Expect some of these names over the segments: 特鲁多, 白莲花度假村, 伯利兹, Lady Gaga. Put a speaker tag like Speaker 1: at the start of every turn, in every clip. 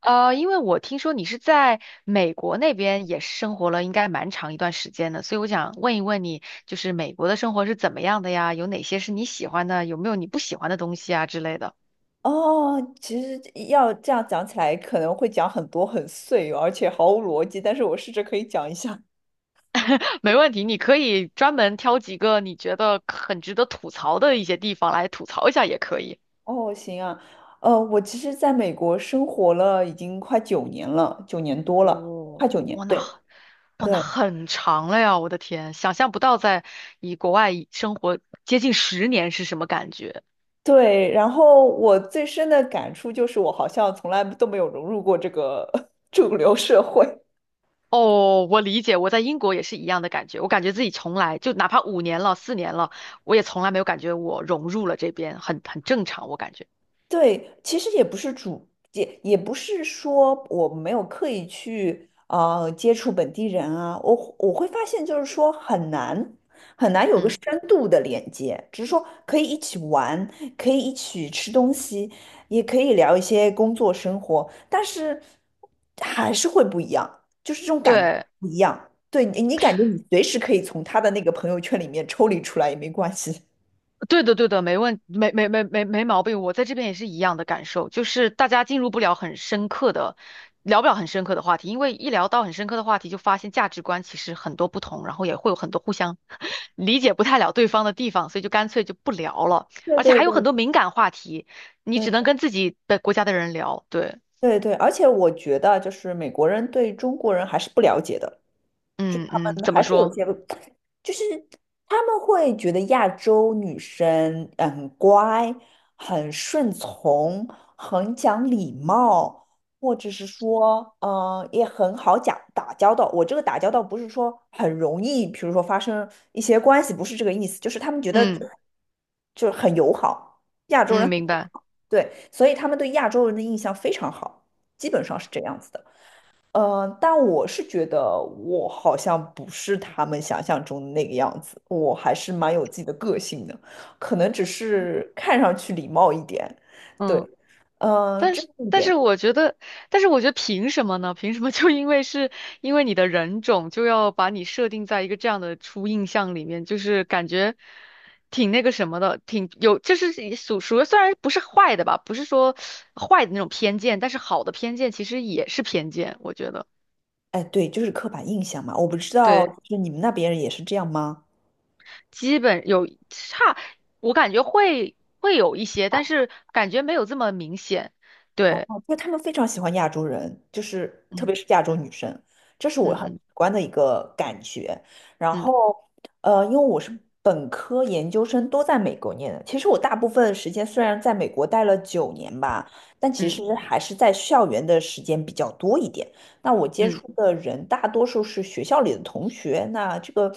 Speaker 1: 因为我听说你是在美国那边也生活了应该蛮长一段时间的，所以我想问一问你，就是美国的生活是怎么样的呀？有哪些是你喜欢的？有没有你不喜欢的东西啊之类的？
Speaker 2: 哦，其实要这样讲起来，可能会讲很多很碎，而且毫无逻辑。但是我试着可以讲一下。
Speaker 1: 没问题，你可以专门挑几个你觉得很值得吐槽的一些地方来吐槽一下也可以。
Speaker 2: 哦，行啊，我其实在美国生活了已经快9年了，9年多了，快九
Speaker 1: 哦，
Speaker 2: 年，
Speaker 1: 哇，那
Speaker 2: 对
Speaker 1: 哇，那
Speaker 2: 对
Speaker 1: 很长了呀！我的天，想象不到在以国外生活接近10年是什么感觉。
Speaker 2: 对。然后我最深的感触就是，我好像从来都没有融入过这个 主流社会。
Speaker 1: 哦，我理解，我在英国也是一样的感觉。我感觉自己从来就哪怕5年了、4年了，我也从来没有感觉我融入了这边，很正常，我感觉。
Speaker 2: 对，其实也不是说我没有刻意去接触本地人啊，我会发现就是说很难很难有个
Speaker 1: 嗯，
Speaker 2: 深度的连接，只是说可以一起玩，可以一起吃东西，也可以聊一些工作生活，但是还是会不一样，就是这种感觉
Speaker 1: 对。
Speaker 2: 不一样。对，你，你感觉你随时可以从他的那个朋友圈里面抽离出来也没关系。
Speaker 1: 对的，对的，没问，没没没没没毛病。我在这边也是一样的感受，就是大家进入不了很深刻的，聊不了很深刻的话题，因为一聊到很深刻的话题，就发现价值观其实很多不同，然后也会有很多互相 理解不太了对方的地方，所以就干脆就不聊了。
Speaker 2: 对
Speaker 1: 而且
Speaker 2: 对对
Speaker 1: 还有很
Speaker 2: 对
Speaker 1: 多敏感话题，你只能跟自己的国家的人聊。对，
Speaker 2: 对对，而且我觉得就是美国人对中国人还是不了解的，就
Speaker 1: 嗯
Speaker 2: 他
Speaker 1: 嗯，
Speaker 2: 们
Speaker 1: 怎
Speaker 2: 还
Speaker 1: 么
Speaker 2: 是有
Speaker 1: 说？
Speaker 2: 些，就是他们会觉得亚洲女生很乖、很顺从、很讲礼貌，或者是说，嗯也很好讲打交道。我这个打交道不是说很容易，比如说发生一些关系，不是这个意思，就是他们觉得就
Speaker 1: 嗯
Speaker 2: 就是很友好，亚洲
Speaker 1: 嗯，
Speaker 2: 人。
Speaker 1: 明白。
Speaker 2: 对，所以他们对亚洲人的印象非常好，基本上是这样子的。但我是觉得我好像不是他们想象中的那个样子，我还是蛮有自己的个性的，可能只是看上去礼貌一点。对，
Speaker 1: 嗯。
Speaker 2: 嗯，
Speaker 1: 但
Speaker 2: 这
Speaker 1: 是，
Speaker 2: 是一
Speaker 1: 但
Speaker 2: 点。
Speaker 1: 是我觉得，但是我觉得凭什么呢？凭什么就因为你的人种，就要把你设定在一个这样的初印象里面？就是感觉挺那个什么的，就是属于虽然不是坏的吧，不是说坏的那种偏见，但是好的偏见其实也是偏见，我觉得。
Speaker 2: 哎，对，就是刻板印象嘛。我不知道，
Speaker 1: 对，
Speaker 2: 就是你们那边也是这样吗？
Speaker 1: 基本有差，我感觉会有一些，但是感觉没有这么明显。对，
Speaker 2: 因为他们非常喜欢亚洲人，就是特别是
Speaker 1: 嗯
Speaker 2: 亚洲女生，这是我很
Speaker 1: 嗯
Speaker 2: 直观的一个感觉。然后，
Speaker 1: 嗯
Speaker 2: 因为我是本科、研究生都在美国念的，其实我大部分时间虽然在美国待了九年吧，但其
Speaker 1: 嗯
Speaker 2: 实还是在校园的时间比较多一点。那我接
Speaker 1: 嗯
Speaker 2: 触的人大多数是学校里的同学，那这个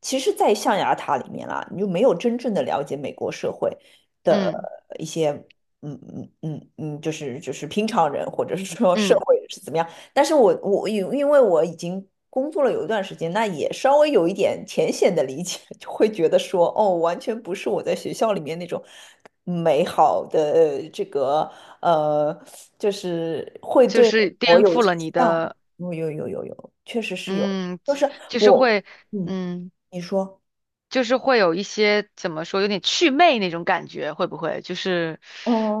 Speaker 2: 其实，在象牙塔里面啦，你就没有真正的了解美国社会的
Speaker 1: 嗯嗯
Speaker 2: 一些。嗯嗯嗯嗯，就是就是平常人或者是说社
Speaker 1: 嗯。
Speaker 2: 会人是怎么样？但是我我因为我已经工作了有一段时间，那也稍微有一点浅显的理解，就会觉得说，哦，完全不是我在学校里面那种美好的这个呃，就是会
Speaker 1: 就
Speaker 2: 对
Speaker 1: 是
Speaker 2: 我
Speaker 1: 颠
Speaker 2: 有一
Speaker 1: 覆
Speaker 2: 些
Speaker 1: 了你
Speaker 2: 向往。
Speaker 1: 的，
Speaker 2: 有有有有有，确实是有，
Speaker 1: 嗯，
Speaker 2: 就是
Speaker 1: 就是
Speaker 2: 我，
Speaker 1: 会，
Speaker 2: 嗯，
Speaker 1: 嗯，
Speaker 2: 你说。
Speaker 1: 就是会有一些怎么说，有点祛魅那种感觉，会不会？就是，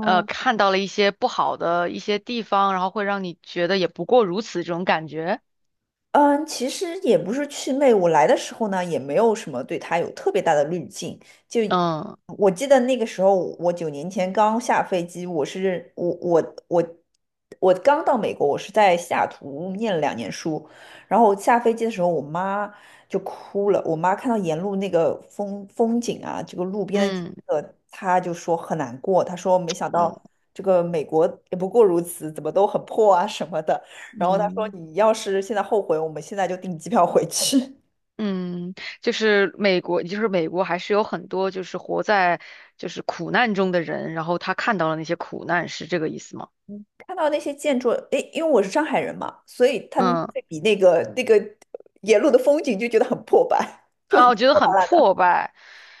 Speaker 1: 看到了一些不好的一些地方，然后会让你觉得也不过如此这种感觉。
Speaker 2: 嗯，其实也不是祛魅，我来的时候呢，也没有什么对他有特别大的滤镜。就
Speaker 1: 嗯
Speaker 2: 我记得那个时候，我9年前刚下飞机，我是我我我我刚到美国，我是在西雅图念了2年书，然后我下飞机的时候，我妈就哭了。我妈看到沿路那个风景啊，这个路边的景
Speaker 1: 嗯
Speaker 2: 色，她就说很难过。她说没想到
Speaker 1: 哦
Speaker 2: 这个美国也不过如此，怎么都很破啊什么的。然后他说
Speaker 1: 嗯
Speaker 2: 你要是现在后悔，我们现在就订机票回去。
Speaker 1: 嗯，就是美国还是有很多就是活在苦难中的人，然后他看到了那些苦难，是这个意思吗？
Speaker 2: 看到那些建筑，诶，因为我是上海人嘛，所以他们
Speaker 1: 嗯
Speaker 2: 对比那个那个沿路的风景就觉得很破败，就
Speaker 1: 啊，
Speaker 2: 挺
Speaker 1: 我觉得
Speaker 2: 破
Speaker 1: 很
Speaker 2: 烂烂
Speaker 1: 破
Speaker 2: 的。
Speaker 1: 败。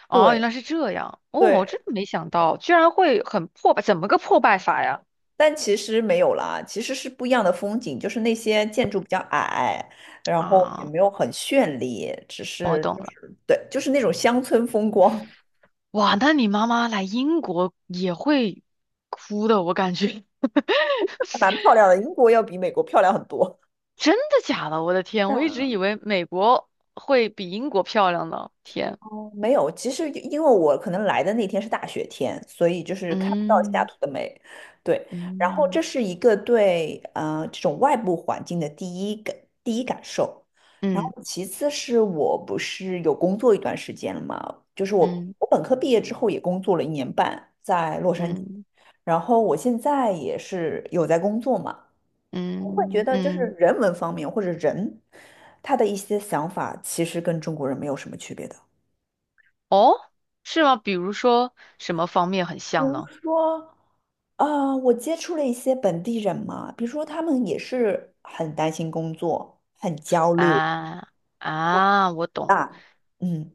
Speaker 1: 哦，原
Speaker 2: 对
Speaker 1: 来是这样。哦，我
Speaker 2: 对，
Speaker 1: 真的没想到，居然会很破败，怎么个破败法呀？
Speaker 2: 但其实没有啦，其实是不一样的风景，就是那些建筑比较矮，然后也
Speaker 1: 啊，
Speaker 2: 没有很绚丽，只
Speaker 1: 我
Speaker 2: 是
Speaker 1: 懂
Speaker 2: 就
Speaker 1: 了。
Speaker 2: 是对，就是那种乡村风光，
Speaker 1: 哇，那你妈妈来英国也会哭的，我感觉。
Speaker 2: 还蛮漂亮的。英国要比美国漂亮很多。
Speaker 1: 真的假的？我的 天，我一
Speaker 2: 嗯。
Speaker 1: 直以为美国会比英国漂亮呢。天，
Speaker 2: 哦，没有，其实因为我可能来的那天是大雪天，所以就是看不到西雅
Speaker 1: 嗯
Speaker 2: 图的美。对，然后这
Speaker 1: 嗯
Speaker 2: 是一个对这种外部环境的第一感受，然
Speaker 1: 嗯
Speaker 2: 后其次是我不是有工作一段时间了嘛，就是我
Speaker 1: 嗯
Speaker 2: 我本科毕业之后也工作了1年半在洛杉矶，
Speaker 1: 嗯
Speaker 2: 然后我现在也是有在工作嘛，我会觉
Speaker 1: 嗯嗯，
Speaker 2: 得就是
Speaker 1: 嗯
Speaker 2: 人文方面或者人他的一些想法其实跟中国人没有什么区别的。
Speaker 1: 哦，是吗？比如说什么方面很
Speaker 2: 比
Speaker 1: 像
Speaker 2: 如
Speaker 1: 呢？
Speaker 2: 说，啊，我接触了一些本地人嘛，比如说他们也是很担心工作，很焦虑
Speaker 1: 啊啊，我懂，
Speaker 2: 啊，嗯，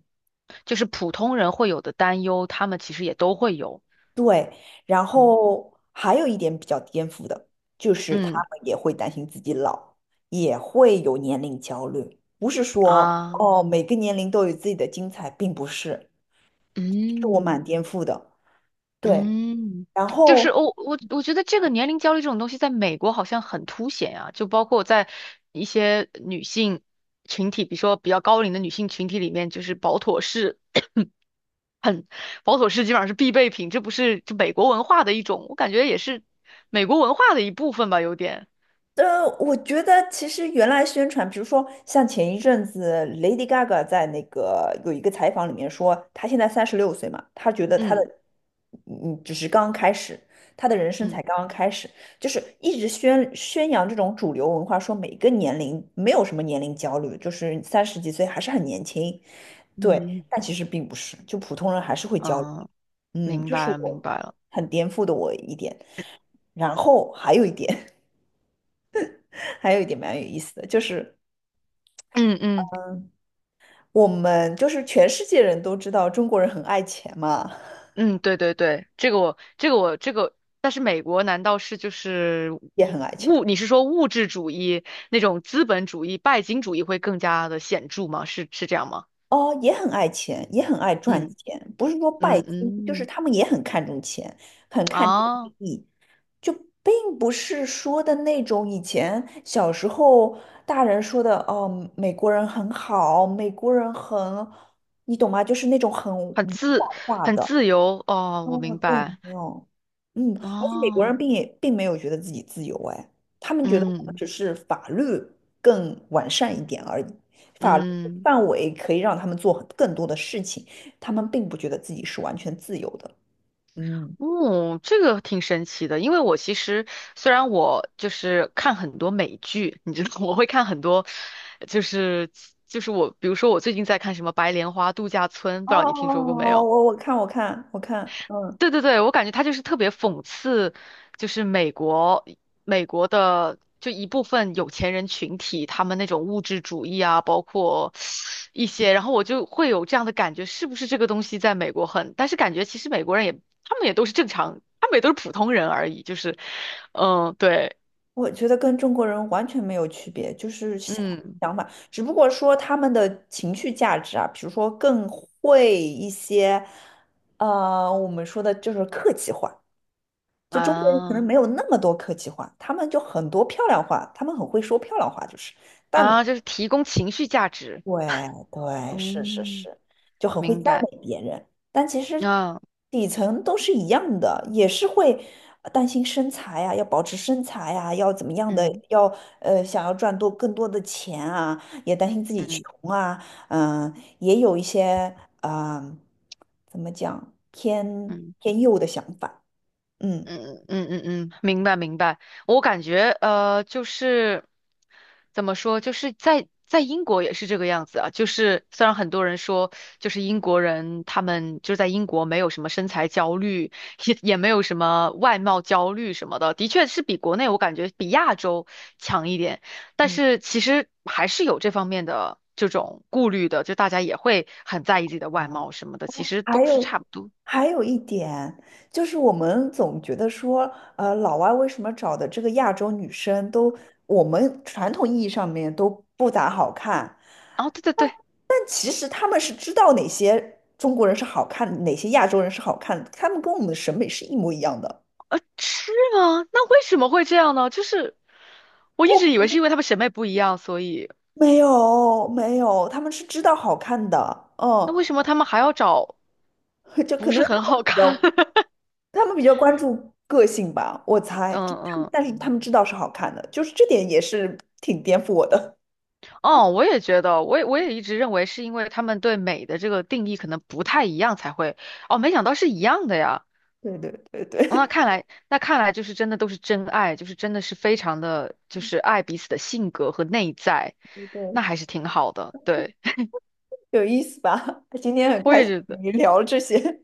Speaker 1: 就是普通人会有的担忧，他们其实也都会有。
Speaker 2: 对。然
Speaker 1: 嗯
Speaker 2: 后还有一点比较颠覆的，就是他
Speaker 1: 嗯
Speaker 2: 们也会担心自己老，也会有年龄焦虑。不是说
Speaker 1: 啊
Speaker 2: 哦，每个年龄都有自己的精彩，并不是，这是我
Speaker 1: 嗯
Speaker 2: 蛮颠覆的。对，
Speaker 1: 嗯，
Speaker 2: 然
Speaker 1: 就是
Speaker 2: 后
Speaker 1: 我觉得这个年龄焦虑这种东西在美国好像很凸显啊，就包括在一些女性群体，比如说比较高龄的女性群体里面，就是保妥适 很保妥适基本上是必备品，这不是就美国文化的一种，我感觉也是美国文化的一部分吧，有点
Speaker 2: 我觉得其实原来宣传，比如说像前一阵子 Lady Gaga 在那个有一个采访里面说，她现在36岁嘛，她觉得她的
Speaker 1: 嗯
Speaker 2: 嗯只是刚刚开始，她的人生
Speaker 1: 嗯。
Speaker 2: 才刚刚开始，就是一直宣扬这种主流文化，说每个年龄没有什么年龄焦虑，就是三十几岁还是很年轻，对，
Speaker 1: 嗯
Speaker 2: 但其实并不是，就普通人还是会焦虑的。
Speaker 1: 嗯，
Speaker 2: 嗯，
Speaker 1: 明
Speaker 2: 这
Speaker 1: 白
Speaker 2: 是
Speaker 1: 了，明
Speaker 2: 我
Speaker 1: 白了。
Speaker 2: 很颠覆的我一点，然后还有一点。还有一点蛮有意思的，就是
Speaker 1: 嗯嗯
Speaker 2: 嗯，我们就是全世界人都知道中国人很爱钱嘛，
Speaker 1: 嗯，对对对，这个我这个我这个，但是美国难道是就是
Speaker 2: 也很爱钱
Speaker 1: 物？你是说物质主义那种资本主义、拜金主义会更加的显著吗？是这样吗？
Speaker 2: 哦，也很爱钱，也很爱赚
Speaker 1: 嗯
Speaker 2: 钱，不是说拜
Speaker 1: 嗯
Speaker 2: 金，就是
Speaker 1: 嗯，
Speaker 2: 他们也很看重钱，很看重
Speaker 1: 啊，
Speaker 2: 利益，就并不是说的那种以前小时候大人说的哦，美国人很好，美国人很，你懂吗？就是那种很
Speaker 1: 很
Speaker 2: 理
Speaker 1: 自
Speaker 2: 想化
Speaker 1: 很
Speaker 2: 的。
Speaker 1: 自由哦，
Speaker 2: 哦，
Speaker 1: 我明
Speaker 2: 对，
Speaker 1: 白
Speaker 2: 没有，嗯，而且美国
Speaker 1: 哦，
Speaker 2: 人并也并没有觉得自己自由，哎，他们觉得我们
Speaker 1: 嗯
Speaker 2: 只是法律更完善一点而已，法律
Speaker 1: 嗯。
Speaker 2: 范围可以让他们做很更多的事情，他们并不觉得自己是完全自由的。嗯，
Speaker 1: 哦，这个挺神奇的，因为我其实虽然我就是看很多美剧，你知道 我会看很多，就是就是我，比如说我最近在看什么《白莲花度假村》，不
Speaker 2: 哦，
Speaker 1: 知道你听说过没有？
Speaker 2: 我看，嗯。
Speaker 1: 对对对，我感觉他就是特别讽刺，就是美国的就一部分有钱人群体，他们那种物质主义啊，包括一些，然后我就会有这样的感觉，是不是这个东西在美国很？但是感觉其实美国人也，他们也都是正常，他们也都是普通人而已，就是，嗯，对，
Speaker 2: 我觉得跟中国人完全没有区别，就是想
Speaker 1: 嗯
Speaker 2: 想法，只不过说他们的情绪价值啊，比如说更会一些，我们说的就是客气话，就中国人可能
Speaker 1: 啊
Speaker 2: 没有那么多客气话，他们就很多漂亮话，他们很会说漂亮话，就是，但
Speaker 1: 啊，就是提供情绪价值，
Speaker 2: 对对，是是
Speaker 1: 嗯，
Speaker 2: 是，就很会
Speaker 1: 明
Speaker 2: 赞
Speaker 1: 白，
Speaker 2: 美别人，但其实
Speaker 1: 啊，
Speaker 2: 底层都是一样的，也是会担心身材呀、要保持身材呀、要怎么样的，
Speaker 1: 嗯
Speaker 2: 要想要赚多更多的钱啊，也担心自己
Speaker 1: 嗯
Speaker 2: 穷啊，嗯，也有一些嗯呃怎么讲偏
Speaker 1: 嗯。
Speaker 2: 偏右的想法，嗯
Speaker 1: 嗯嗯嗯嗯，明白明白。我感觉就是怎么说，就是在英国也是这个样子啊。就是虽然很多人说，就是英国人他们就在英国没有什么身材焦虑，也没有什么外貌焦虑什么的，的确是比国内我感觉比亚洲强一点。但
Speaker 2: 嗯
Speaker 1: 是其实还是有这方面的这种顾虑的，就大家也会很在意自己的外貌什么的，其实都
Speaker 2: 还
Speaker 1: 是差
Speaker 2: 有，
Speaker 1: 不多。
Speaker 2: 还有一点，就是我们总觉得说，老外为什么找的这个亚洲女生都，我们传统意义上面都不咋好看，
Speaker 1: 哦，对对
Speaker 2: 但
Speaker 1: 对。
Speaker 2: 但其实他们是知道哪些中国人是好看，哪些亚洲人是好看的，他们跟我们的审美是一模一样的。
Speaker 1: 是吗？那为什么会这样呢？就是我一直以
Speaker 2: 哦，
Speaker 1: 为是因为他们审美不一样，所以
Speaker 2: 没有没有，他们是知道好看的，嗯，
Speaker 1: 那为什么他们还要找
Speaker 2: 就
Speaker 1: 不
Speaker 2: 可能
Speaker 1: 是
Speaker 2: 是他
Speaker 1: 很好
Speaker 2: 们比
Speaker 1: 看？
Speaker 2: 较。他们比较关注个性吧，我猜，
Speaker 1: 嗯
Speaker 2: 就他们，
Speaker 1: 嗯，
Speaker 2: 但是他们知道是好看的，就是这点也是挺颠覆我的。
Speaker 1: 哦，我也觉得，我也一直认为是因为他们对美的这个定义可能不太一样才会，哦，没想到是一样的呀。
Speaker 2: 对对对
Speaker 1: 那
Speaker 2: 对
Speaker 1: 看来，那看来就是真的都是真爱，就是真的是非常的，就是爱彼此的性格和内在，
Speaker 2: 对，
Speaker 1: 那还是挺好的。对，
Speaker 2: 有意思吧？今天很
Speaker 1: 我
Speaker 2: 开
Speaker 1: 也
Speaker 2: 心
Speaker 1: 觉得。
Speaker 2: 你聊了这些，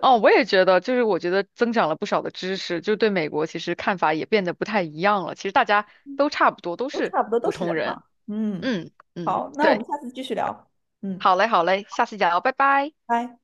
Speaker 1: 哦，我也觉得，就是我觉得增长了不少的知识，就对美国其实看法也变得不太一样了。其实大家都差不多，都
Speaker 2: 都
Speaker 1: 是
Speaker 2: 差不多都
Speaker 1: 普
Speaker 2: 是
Speaker 1: 通
Speaker 2: 人
Speaker 1: 人。
Speaker 2: 嘛。嗯，
Speaker 1: 嗯嗯，
Speaker 2: 好，那我
Speaker 1: 对，
Speaker 2: 们下次继续聊。嗯，
Speaker 1: 好嘞好嘞，下次聊，拜拜。
Speaker 2: 拜。